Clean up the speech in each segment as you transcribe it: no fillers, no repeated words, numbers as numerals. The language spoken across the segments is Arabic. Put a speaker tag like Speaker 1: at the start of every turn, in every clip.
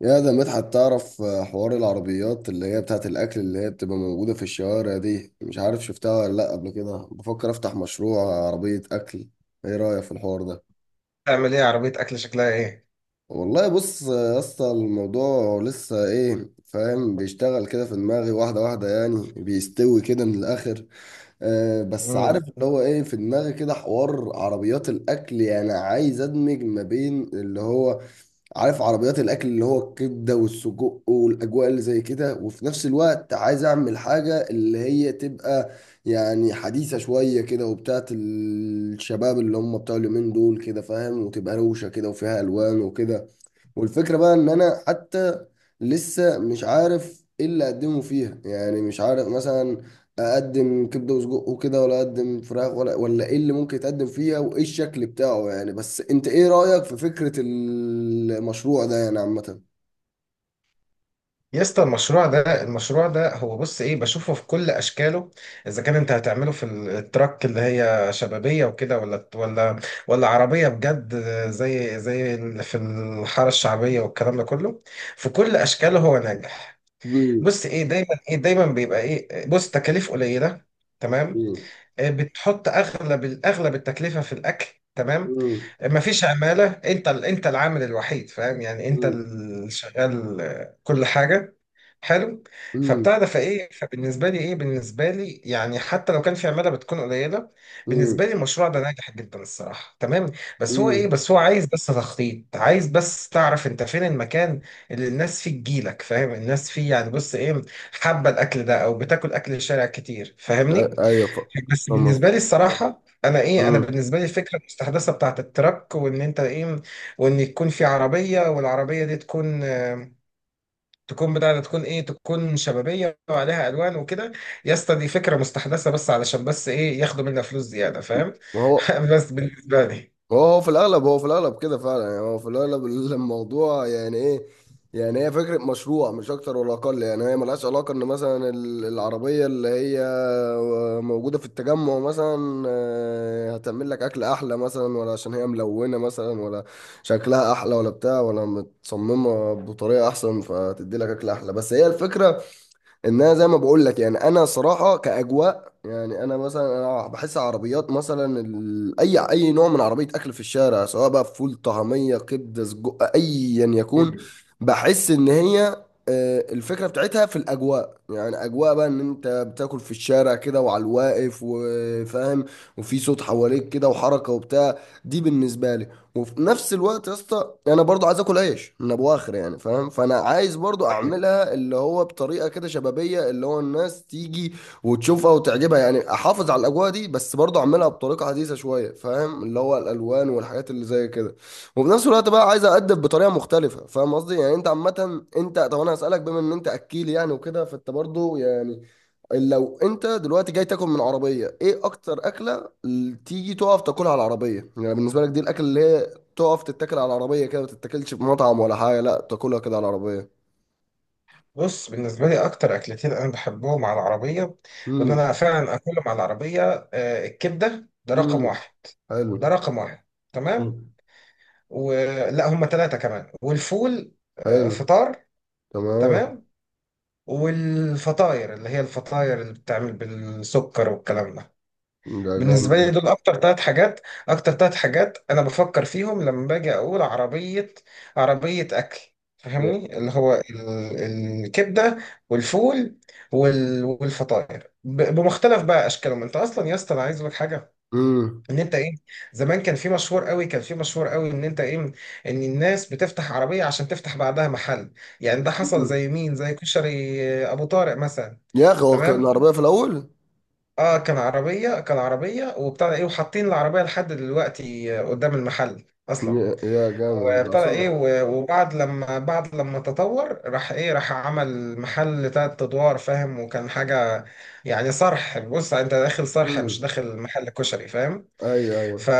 Speaker 1: يا ده مدحت، تعرف، حوار العربيات اللي هي بتاعت الأكل اللي هي بتبقى موجودة في الشوارع دي. مش عارف شفتها ولا لأ قبل كده. بفكر أفتح مشروع عربية أكل. إيه رأيك في الحوار ده؟
Speaker 2: تعمل ايه عربية اكل، شكلها ايه؟
Speaker 1: والله بص يا اسطى، الموضوع لسه فاهم بيشتغل كده في دماغي واحدة واحدة، يعني بيستوي كده من الآخر. بس عارف
Speaker 2: امم
Speaker 1: اللي هو في دماغي كده حوار عربيات الأكل. يعني عايز أدمج ما بين اللي هو... عارف عربيات الاكل اللي هو الكبده والسجق والاجواء اللي زي كده، وفي نفس الوقت عايز اعمل حاجه اللي هي تبقى يعني حديثه شويه كده وبتاعت الشباب اللي هم بتوع اليومين دول كده، فاهم، وتبقى روشه كده وفيها الوان وكده. والفكرة بقى ان انا حتى لسه مش عارف ايه اللي اقدمه فيها. يعني مش عارف مثلا اقدم كبدة وسجق وكده، ولا اقدم فراخ ولا ايه اللي ممكن يتقدم فيها وايه الشكل بتاعه. يعني بس انت ايه رأيك في فكرة المشروع ده يعني عامة؟
Speaker 2: يا اسطى، المشروع ده هو بص ايه بشوفه في كل اشكاله. اذا كان انت هتعمله في التراك اللي هي شبابية وكده، ولا عربية بجد، زي اللي في الحارة الشعبية والكلام ده كله، في كل اشكاله هو ناجح.
Speaker 1: مم.
Speaker 2: بص ايه، دايما بيبقى ايه، بص، تكاليف قليلة، تمام.
Speaker 1: مم.
Speaker 2: بتحط الاغلب التكلفه في الاكل، تمام.
Speaker 1: مم.
Speaker 2: مم. مفيش عماله، انت العامل الوحيد، فاهم؟ يعني انت
Speaker 1: مم.
Speaker 2: اللي شغال كل حاجه، حلو.
Speaker 1: مم.
Speaker 2: فبتاع ده، فايه، فبالنسبه لي ايه بالنسبه لي يعني حتى لو كان في عماله بتكون قليله، بالنسبه
Speaker 1: مم.
Speaker 2: لي المشروع ده ناجح جدا الصراحه، تمام. بس هو ايه
Speaker 1: مم.
Speaker 2: بس هو عايز بس تخطيط، عايز بس تعرف انت فين المكان اللي الناس فيه تجيلك، فاهم؟ الناس فيه يعني بص ايه، حابه الاكل ده او بتاكل اكل الشارع كتير، فاهمني؟
Speaker 1: ايوه.
Speaker 2: بس
Speaker 1: فاهم قصدي.
Speaker 2: بالنسبه لي الصراحه، انا
Speaker 1: مم.
Speaker 2: بالنسبه لي الفكره المستحدثه بتاعت التراك، وان انت ايه، وان يكون في عربيه، والعربيه دي تكون آه، تكون بتاع ده تكون ايه تكون شبابيه وعليها الوان وكده. يا اسطى، دي فكره مستحدثه بس علشان بس ايه، ياخدوا منها فلوس زياده، فاهم؟
Speaker 1: ما هو
Speaker 2: بس بالنسبه لي.
Speaker 1: هو في الاغلب، هو في الاغلب كده فعلا. يعني هو في الاغلب، الموضوع يعني ايه، يعني هي فكره مشروع مش اكتر ولا اقل. يعني هي ملهاش علاقه ان مثلا العربيه اللي هي موجوده في التجمع مثلا هتعمل لك اكل احلى مثلا، ولا عشان هي ملونه مثلا، ولا شكلها احلى ولا بتاع، ولا متصممه بطريقه احسن فتدي لك اكل احلى. بس هي الفكره ان انا، زي ما بقول لك، يعني انا صراحه كاجواء. يعني انا مثلا، انا بحس عربيات مثلا اي نوع من عربيه اكل في الشارع، سواء بقى فول، طعميه، كبده، سجق، ايا يكون،
Speaker 2: مم.
Speaker 1: بحس ان هي الفكره بتاعتها في الاجواء. يعني اجواء بقى ان انت بتاكل في الشارع كده وعلى الواقف، وفاهم، وفي صوت حواليك كده وحركه وبتاع. دي بالنسبه لي. وفي نفس الوقت يا اسطى، انا برضو عايز اكل عيش من ابو اخر، يعني فاهم. فانا عايز برضو
Speaker 2: أيوة.
Speaker 1: اعملها اللي هو بطريقه كده شبابيه، اللي هو الناس تيجي وتشوفها وتعجبها. يعني احافظ على الاجواء دي، بس برضه اعملها بطريقه حديثه شويه، فاهم، اللي هو الالوان والحاجات اللي زي كده. وفي نفس الوقت بقى عايز اقدم بطريقه مختلفه، فاهم قصدي. يعني انت عامه، انت طب انا هسالك، بما ان انت اكيل يعني وكده، فانت برضه يعني، لو انت دلوقتي جاي تاكل من عربيه، ايه اكتر اكله اللي تيجي تقف تاكلها على العربيه؟ يعني بالنسبه لك، دي الاكل اللي هي تقف تتاكل على العربيه كده، ما تتاكلش في مطعم ولا حاجه، لا تاكلها كده على العربيه.
Speaker 2: بص، بالنسبه لي اكتر اكلتين انا بحبهم على العربيه، وان
Speaker 1: امم.
Speaker 2: انا فعلا اكلهم على العربيه. الكبده، ده رقم
Speaker 1: امم.
Speaker 2: واحد، ده
Speaker 1: حلو.
Speaker 2: رقم واحد تمام.
Speaker 1: مم.
Speaker 2: ولا هم ثلاثة، كمان والفول،
Speaker 1: حلو.
Speaker 2: فطار،
Speaker 1: تمام.
Speaker 2: تمام. والفطاير اللي هي الفطاير اللي بتعمل بالسكر والكلام ده.
Speaker 1: ده
Speaker 2: بالنسبة لي
Speaker 1: جامد.
Speaker 2: دول أكتر ثلاث حاجات. أنا بفكر فيهم لما باجي أقول عربية، عربية أكل.
Speaker 1: ده
Speaker 2: فاهمني؟ اللي هو الكبدة، والفول، والفطاير بمختلف بقى أشكالهم. أنت أصلا يا اسطى، أنا عايز أقول لك حاجة،
Speaker 1: امم.
Speaker 2: ان انت ايه، زمان كان في مشهور قوي ان انت ايه، ان الناس بتفتح عربيه عشان تفتح بعدها محل. يعني ده حصل زي مين، زي كشري ابو طارق مثلا،
Speaker 1: يا اخي هو
Speaker 2: تمام.
Speaker 1: كان عربية في الاول.
Speaker 2: اه، كان عربيه وبتاع ده ايه، وحاطين العربيه لحد دلوقتي قدام المحل اصلا.
Speaker 1: يا جامد ده
Speaker 2: وبتاع ده ايه،
Speaker 1: اصلا.
Speaker 2: وبعد لما تطور، راح عمل محل تلات ادوار، فاهم؟ وكان حاجه يعني صرح، بص انت داخل صرح، مش
Speaker 1: امم.
Speaker 2: داخل محل كشري، فاهم؟
Speaker 1: ايوه ايوه.
Speaker 2: ف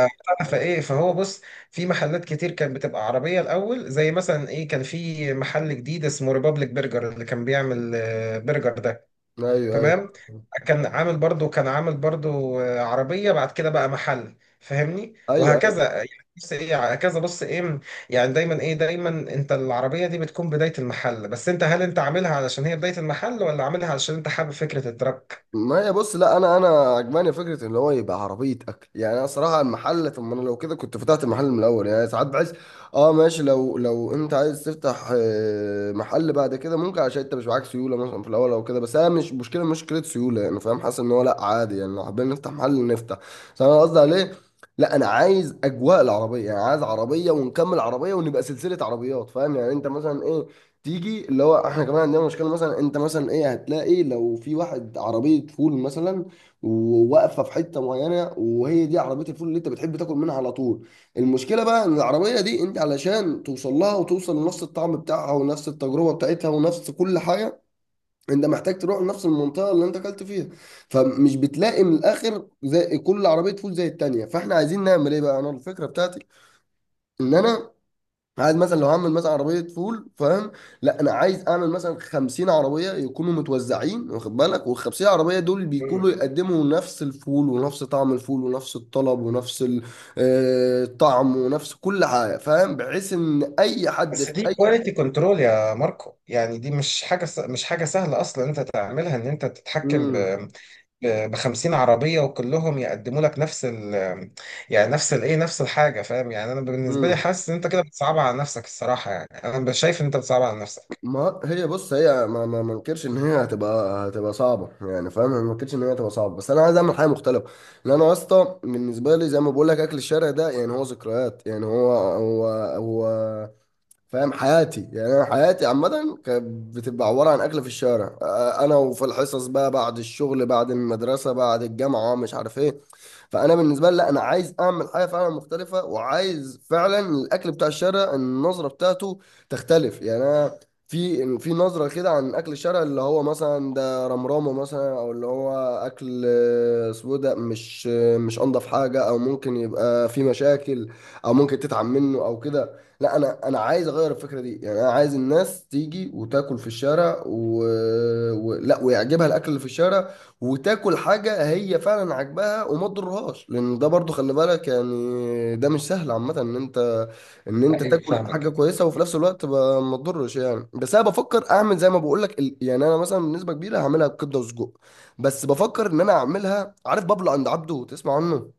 Speaker 2: فايه فهو بص، في محلات كتير كانت بتبقى عربيه الاول. زي مثلا ايه، كان في محل جديد اسمه ريبابليك برجر، اللي كان بيعمل برجر ده،
Speaker 1: ايوه ايوه.
Speaker 2: تمام.
Speaker 1: ايوه.
Speaker 2: كان عامل برضو عربيه، بعد كده بقى محل، فاهمني؟
Speaker 1: أيوه.
Speaker 2: وهكذا يعني. بص ايه، هكذا، بص ايه، يعني دايما انت العربيه دي بتكون بدايه المحل. بس انت هل انت عاملها علشان هي بدايه المحل، ولا عاملها علشان انت حابب فكره الدرك؟
Speaker 1: ما هي بص، لا انا عجباني فكره ان هو يبقى عربيه اكل. يعني انا صراحه المحل، طب ما انا لو كده كنت فتحت المحل من الاول. يعني ساعات بحس، اه ماشي، لو انت عايز تفتح محل بعد كده، ممكن، عشان انت مش معاك سيوله مثلا في الاول او كده. بس انا مش مشكله سيوله يعني، فاهم. حاسس ان هو لا عادي يعني، لو حابين نفتح محل نفتح. بس انا قصدي عليه، لا انا عايز اجواء العربيه. يعني عايز عربيه ونكمل عربيه ونبقى سلسله عربيات، فاهم. يعني انت مثلا ايه تيجي اللي هو احنا كمان عندنا مشكله. مثلا انت مثلا ايه، هتلاقي لو في واحد عربيه فول مثلا، وواقفه في حته معينه، وهي دي عربيه الفول اللي انت بتحب تاكل منها على طول. المشكله بقى ان العربيه دي، انت علشان توصل لها وتوصل لنفس الطعم بتاعها ونفس التجربه بتاعتها ونفس كل حاجه، انت محتاج تروح لنفس المنطقه اللي انت اكلت فيها. فمش بتلاقي من الاخر زي كل عربيه فول زي التانيه. فاحنا عايزين نعمل ايه بقى؟ انا الفكره بتاعتي ان انا عايز مثلا، لو هعمل مثلا عربيه فول، فاهم، لا انا عايز اعمل مثلا 50 عربيه يكونوا متوزعين، واخد بالك، وال 50 عربيه دول بيكونوا يقدموا نفس الفول ونفس طعم الفول ونفس الطلب ونفس الطعم، ونفس كل حاجه، فاهم، بحيث ان اي حد
Speaker 2: بس
Speaker 1: في
Speaker 2: دي
Speaker 1: اي
Speaker 2: كواليتي كنترول يا ماركو، يعني دي مش حاجة سهلة أصلا أنت تعملها، إن أنت تتحكم ب 50 عربية، وكلهم يقدموا لك نفس ال يعني نفس الإيه نفس الحاجة، فاهم؟ يعني أنا بالنسبة لي
Speaker 1: امم.
Speaker 2: حاسس إن أنت كده بتصعبها على نفسك الصراحة، يعني أنا شايف إن أنت بتصعبها على نفسك.
Speaker 1: ما هي بص، هي، ما انكرش ان هي هتبقى، هتبقى صعبه يعني، فاهم. أنا ما انكرش ان هي هتبقى صعبه، بس انا عايز اعمل حاجه مختلفه. لان انا يا اسطى، بالنسبه لي، زي ما بقول لك، اكل الشارع ده يعني هو ذكريات. يعني هو فاهم حياتي. يعني انا حياتي عامه كانت بتبقى عباره عن اكل في الشارع، انا وفي الحصص بقى، بعد الشغل، بعد المدرسه، بعد الجامعه، مش عارف ايه. فانا بالنسبه لي، لا، انا عايز اعمل حاجه فعلا مختلفه. وعايز فعلا الاكل بتاع الشارع، النظره بتاعته تختلف. يعني انا في نظره كده عن اكل الشارع، اللي هو مثلا ده رمرامه مثلا، او اللي هو اكل سودا، مش مش انضف حاجه، او ممكن يبقى في مشاكل، او ممكن تتعب منه، او كده. لا انا، انا عايز اغير الفكره دي. يعني انا عايز الناس تيجي وتاكل في الشارع، لا، ويعجبها الاكل اللي في الشارع، وتاكل حاجه هي فعلا عاجباها وما تضرهاش. لان ده برضو خلي بالك يعني، ده مش سهل عامه ان انت
Speaker 2: أيوه،
Speaker 1: تاكل حاجه
Speaker 2: فاهمك.
Speaker 1: كويسه وفي نفس الوقت ما تضرش يعني. بس انا بفكر اعمل زي ما بقول لك، يعني انا مثلا بنسبه كبيره هعملها بكبده وسجق. بس بفكر ان انا اعملها عارف، بابلو عند عبده، تسمع عنه؟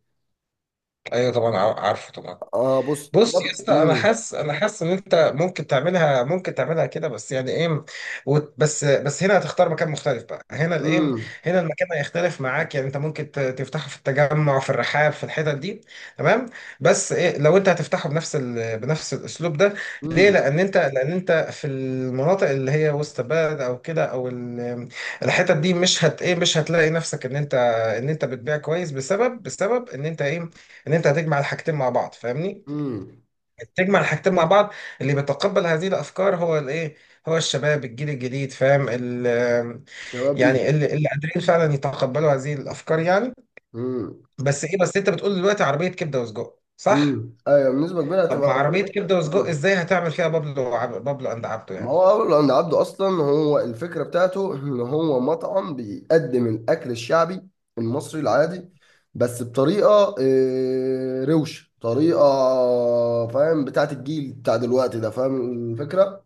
Speaker 2: أيوه طبعا، عارفه طبعا.
Speaker 1: اه بص،
Speaker 2: بص يا اسطى، انا
Speaker 1: امم.
Speaker 2: حاسس انا حاسس ان انت ممكن تعملها كده، بس يعني ايه، بس هنا هتختار مكان مختلف بقى. هنا الايه،
Speaker 1: امم.
Speaker 2: هنا المكان هيختلف معاك، يعني انت ممكن تفتحه في التجمع، في الرحاب، في الحتت دي، تمام. بس إيه، لو انت هتفتحه بنفس الاسلوب ده، ليه؟
Speaker 1: امم.
Speaker 2: لان انت في المناطق اللي هي وسط بلد او كده، الحتت دي، مش هت ايه مش هتلاقي نفسك ان انت بتبيع كويس بسبب ان انت ايه، ان انت هتجمع الحاجتين مع بعض، فاهمني؟
Speaker 1: امم.
Speaker 2: تجمع الحاجتين مع بعض. اللي بيتقبل هذه الافكار هو الايه، هو الشباب، الجيل الجديد، فاهم؟
Speaker 1: كباب ايجي.
Speaker 2: يعني اللي قادرين فعلا يتقبلوا هذه الافكار يعني.
Speaker 1: امم.
Speaker 2: بس ايه، بس انت بتقول دلوقتي عربيه كبده وسجق، صح؟
Speaker 1: امم، ايوه، بنسبه كبيره
Speaker 2: طب
Speaker 1: هتبقى.
Speaker 2: مع عربيه كبده وسجق
Speaker 1: مم.
Speaker 2: ازاي هتعمل فيها بابلو بابلو اند عبده
Speaker 1: ما
Speaker 2: يعني؟
Speaker 1: هو أول عند عبده أصلا، هو الفكرة بتاعته إن هو مطعم بيقدم الأكل الشعبي المصري العادي، بس بطريقة روش، طريقة فاهم بتاعت الجيل بتاع دلوقتي ده، فاهم الفكرة.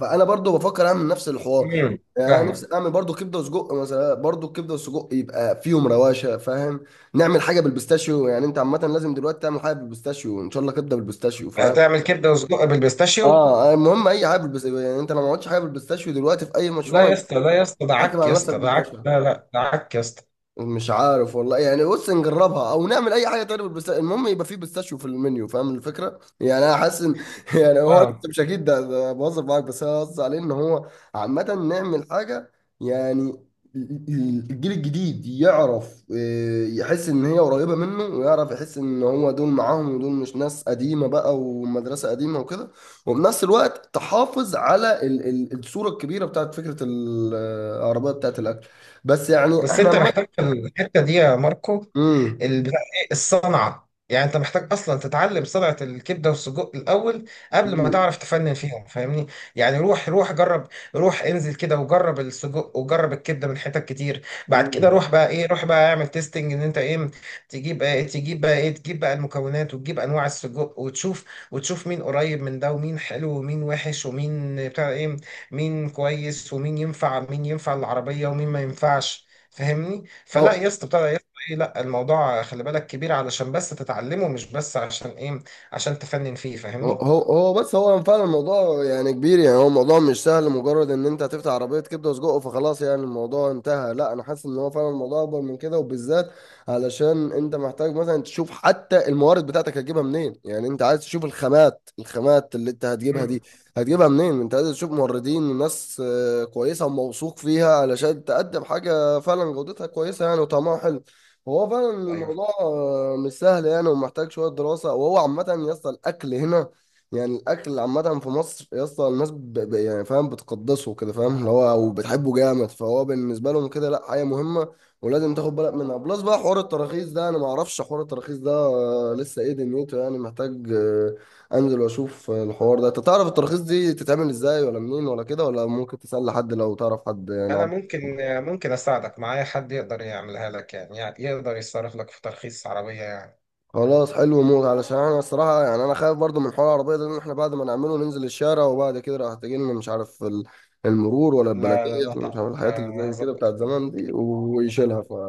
Speaker 1: فأنا برضو بفكر أعمل نفس الحوار.
Speaker 2: امم
Speaker 1: يعني أنا
Speaker 2: فاهمك.
Speaker 1: نفسي أعمل برضو كبدة وسجق مثلا، برضو الكبدة والسجق يبقى فيهم رواشة، فاهم. نعمل حاجة بالبيستاشيو. يعني أنت عامة لازم دلوقتي تعمل حاجة بالبيستاشيو. إن شاء الله كبدة بالبيستاشيو، فاهم.
Speaker 2: هتعمل كبده وسجق بالبيستاشيو؟
Speaker 1: المهم اي حاجه بالبس... يعني انت لو ما عملتش حاجه بالبيستاشيو دلوقتي في اي
Speaker 2: لا
Speaker 1: مشروع،
Speaker 2: يا
Speaker 1: انت
Speaker 2: اسطى، لا يا اسطى، ده
Speaker 1: بتحكم
Speaker 2: عك يا
Speaker 1: على نفسك
Speaker 2: اسطى، ده عك،
Speaker 1: بالفشل.
Speaker 2: لا لا، ده عك يا اسطى.
Speaker 1: مش عارف والله. يعني بص نجربها او نعمل اي حاجه تانية بالبستا، المهم يبقى فيه بيستاشيو في المنيو، فاهم الفكره. يعني انا حاسس ان يعني هو
Speaker 2: اه،
Speaker 1: لسه مش اكيد ده، ده بهزر معاك. بس انا قصدي عليه ان هو عامه نعمل حاجه يعني الجيل الجديد يعرف، يحس ان هي قريبه منه، ويعرف يحس ان هو دول معاهم، ودول مش ناس قديمه بقى، ومدرسه قديمه وكده. وبنفس الوقت تحافظ على الصوره الكبيره بتاعت فكره العربيه بتاعت الاكل. بس يعني
Speaker 2: بس
Speaker 1: احنا
Speaker 2: انت محتاج في الحته دي يا ماركو،
Speaker 1: امم.
Speaker 2: البتاع ايه، الصنعه، يعني انت محتاج اصلا تتعلم صنعه الكبده والسجق الاول قبل ما
Speaker 1: امم.
Speaker 2: تعرف تفنن فيهم، فاهمني؟ يعني روح، روح جرب، روح انزل كده وجرب السجق، وجرب الكبده من حتت كتير. بعد كده
Speaker 1: امم.
Speaker 2: روح بقى اعمل تيستنج، ان انت ايه، تجيب بقى المكونات، وتجيب انواع السجق، وتشوف وتشوف مين قريب من ده، ومين حلو، ومين وحش، ومين بتاع ايه، مين كويس، ومين ينفع مين ينفع العربيه ومين ما ينفعش، فاهمني؟ فلا
Speaker 1: هو
Speaker 2: يا اسطى بتاع ده، يا اسطى ايه لا الموضوع خلي بالك كبير علشان بس تتعلمه، مش بس عشان ايه، عشان تفنن فيه،
Speaker 1: هو
Speaker 2: فاهمني؟
Speaker 1: هو هو بس هو فعلا الموضوع يعني كبير. يعني هو الموضوع مش سهل مجرد ان انت هتفتح عربية كبدة وسجق فخلاص، يعني الموضوع انتهى. لا، انا حاسس ان هو فعلا الموضوع اكبر من كده، وبالذات علشان انت محتاج مثلا تشوف حتى الموارد بتاعتك هتجيبها منين. يعني انت عايز تشوف الخامات، الخامات اللي انت هتجيبها
Speaker 2: مم.
Speaker 1: دي هتجيبها منين. انت عايز تشوف موردين وناس كويسة وموثوق فيها علشان تقدم حاجة فعلا جودتها كويسة يعني وطعمها حلو. هو فعلا
Speaker 2: ايوه،
Speaker 1: الموضوع مش سهل يعني، ومحتاج شوية دراسة. وهو عامة يصل الأكل هنا. يعني الاكل عامه في مصر يا اسطى، الناس يعني فاهم بتقدسه كده، فاهم، اللي هو وبتحبه جامد. فهو بالنسبه لهم كده، لا، حاجه مهمه ولازم تاخد بالك منها. بلس بقى حوار التراخيص ده، انا ما اعرفش حوار التراخيص ده لسه ايه دنيته. يعني محتاج انزل واشوف الحوار ده. انت تعرف التراخيص دي تتعمل ازاي ولا منين ولا كده؟ ولا ممكن تسال حد لو تعرف حد
Speaker 2: انا
Speaker 1: يعني؟
Speaker 2: ممكن اساعدك، معايا حد يقدر يعملها لك يعني, يعني يقدر يصرف لك في ترخيص عربية يعني.
Speaker 1: خلاص حلو موت، علشان انا الصراحه يعني انا خايف برضو من حوار العربيه ده، لان احنا بعد ما نعمله ننزل الشارع وبعد كده راح تجي لنا مش عارف المرور ولا
Speaker 2: لا
Speaker 1: البلديه
Speaker 2: لا لا،
Speaker 1: ولا مش عارف
Speaker 2: تقلق،
Speaker 1: الحاجات اللي
Speaker 2: ه-
Speaker 1: زي كده
Speaker 2: هظبطه
Speaker 1: بتاعت
Speaker 2: لك،
Speaker 1: زمان دي
Speaker 2: هظبطه
Speaker 1: ويشيلها.
Speaker 2: لك.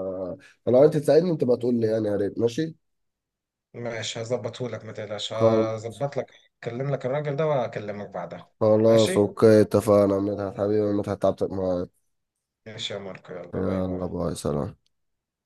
Speaker 1: فلو انت تساعدني انت بقى تقول لي، يعني يا ريت ماشي.
Speaker 2: ماشي، هظبطه لك، ما تقلقش،
Speaker 1: خل-
Speaker 2: هظبط لك، اكلم لك الراجل ده واكلمك بعدها.
Speaker 1: خلاص
Speaker 2: ماشي.
Speaker 1: اوكي، اتفقنا يا مدحت حبيبي، يا مدحت تعبتك معايا.
Speaker 2: ماشي يا ماركو، يلا باي باي.
Speaker 1: يلا باي سلام.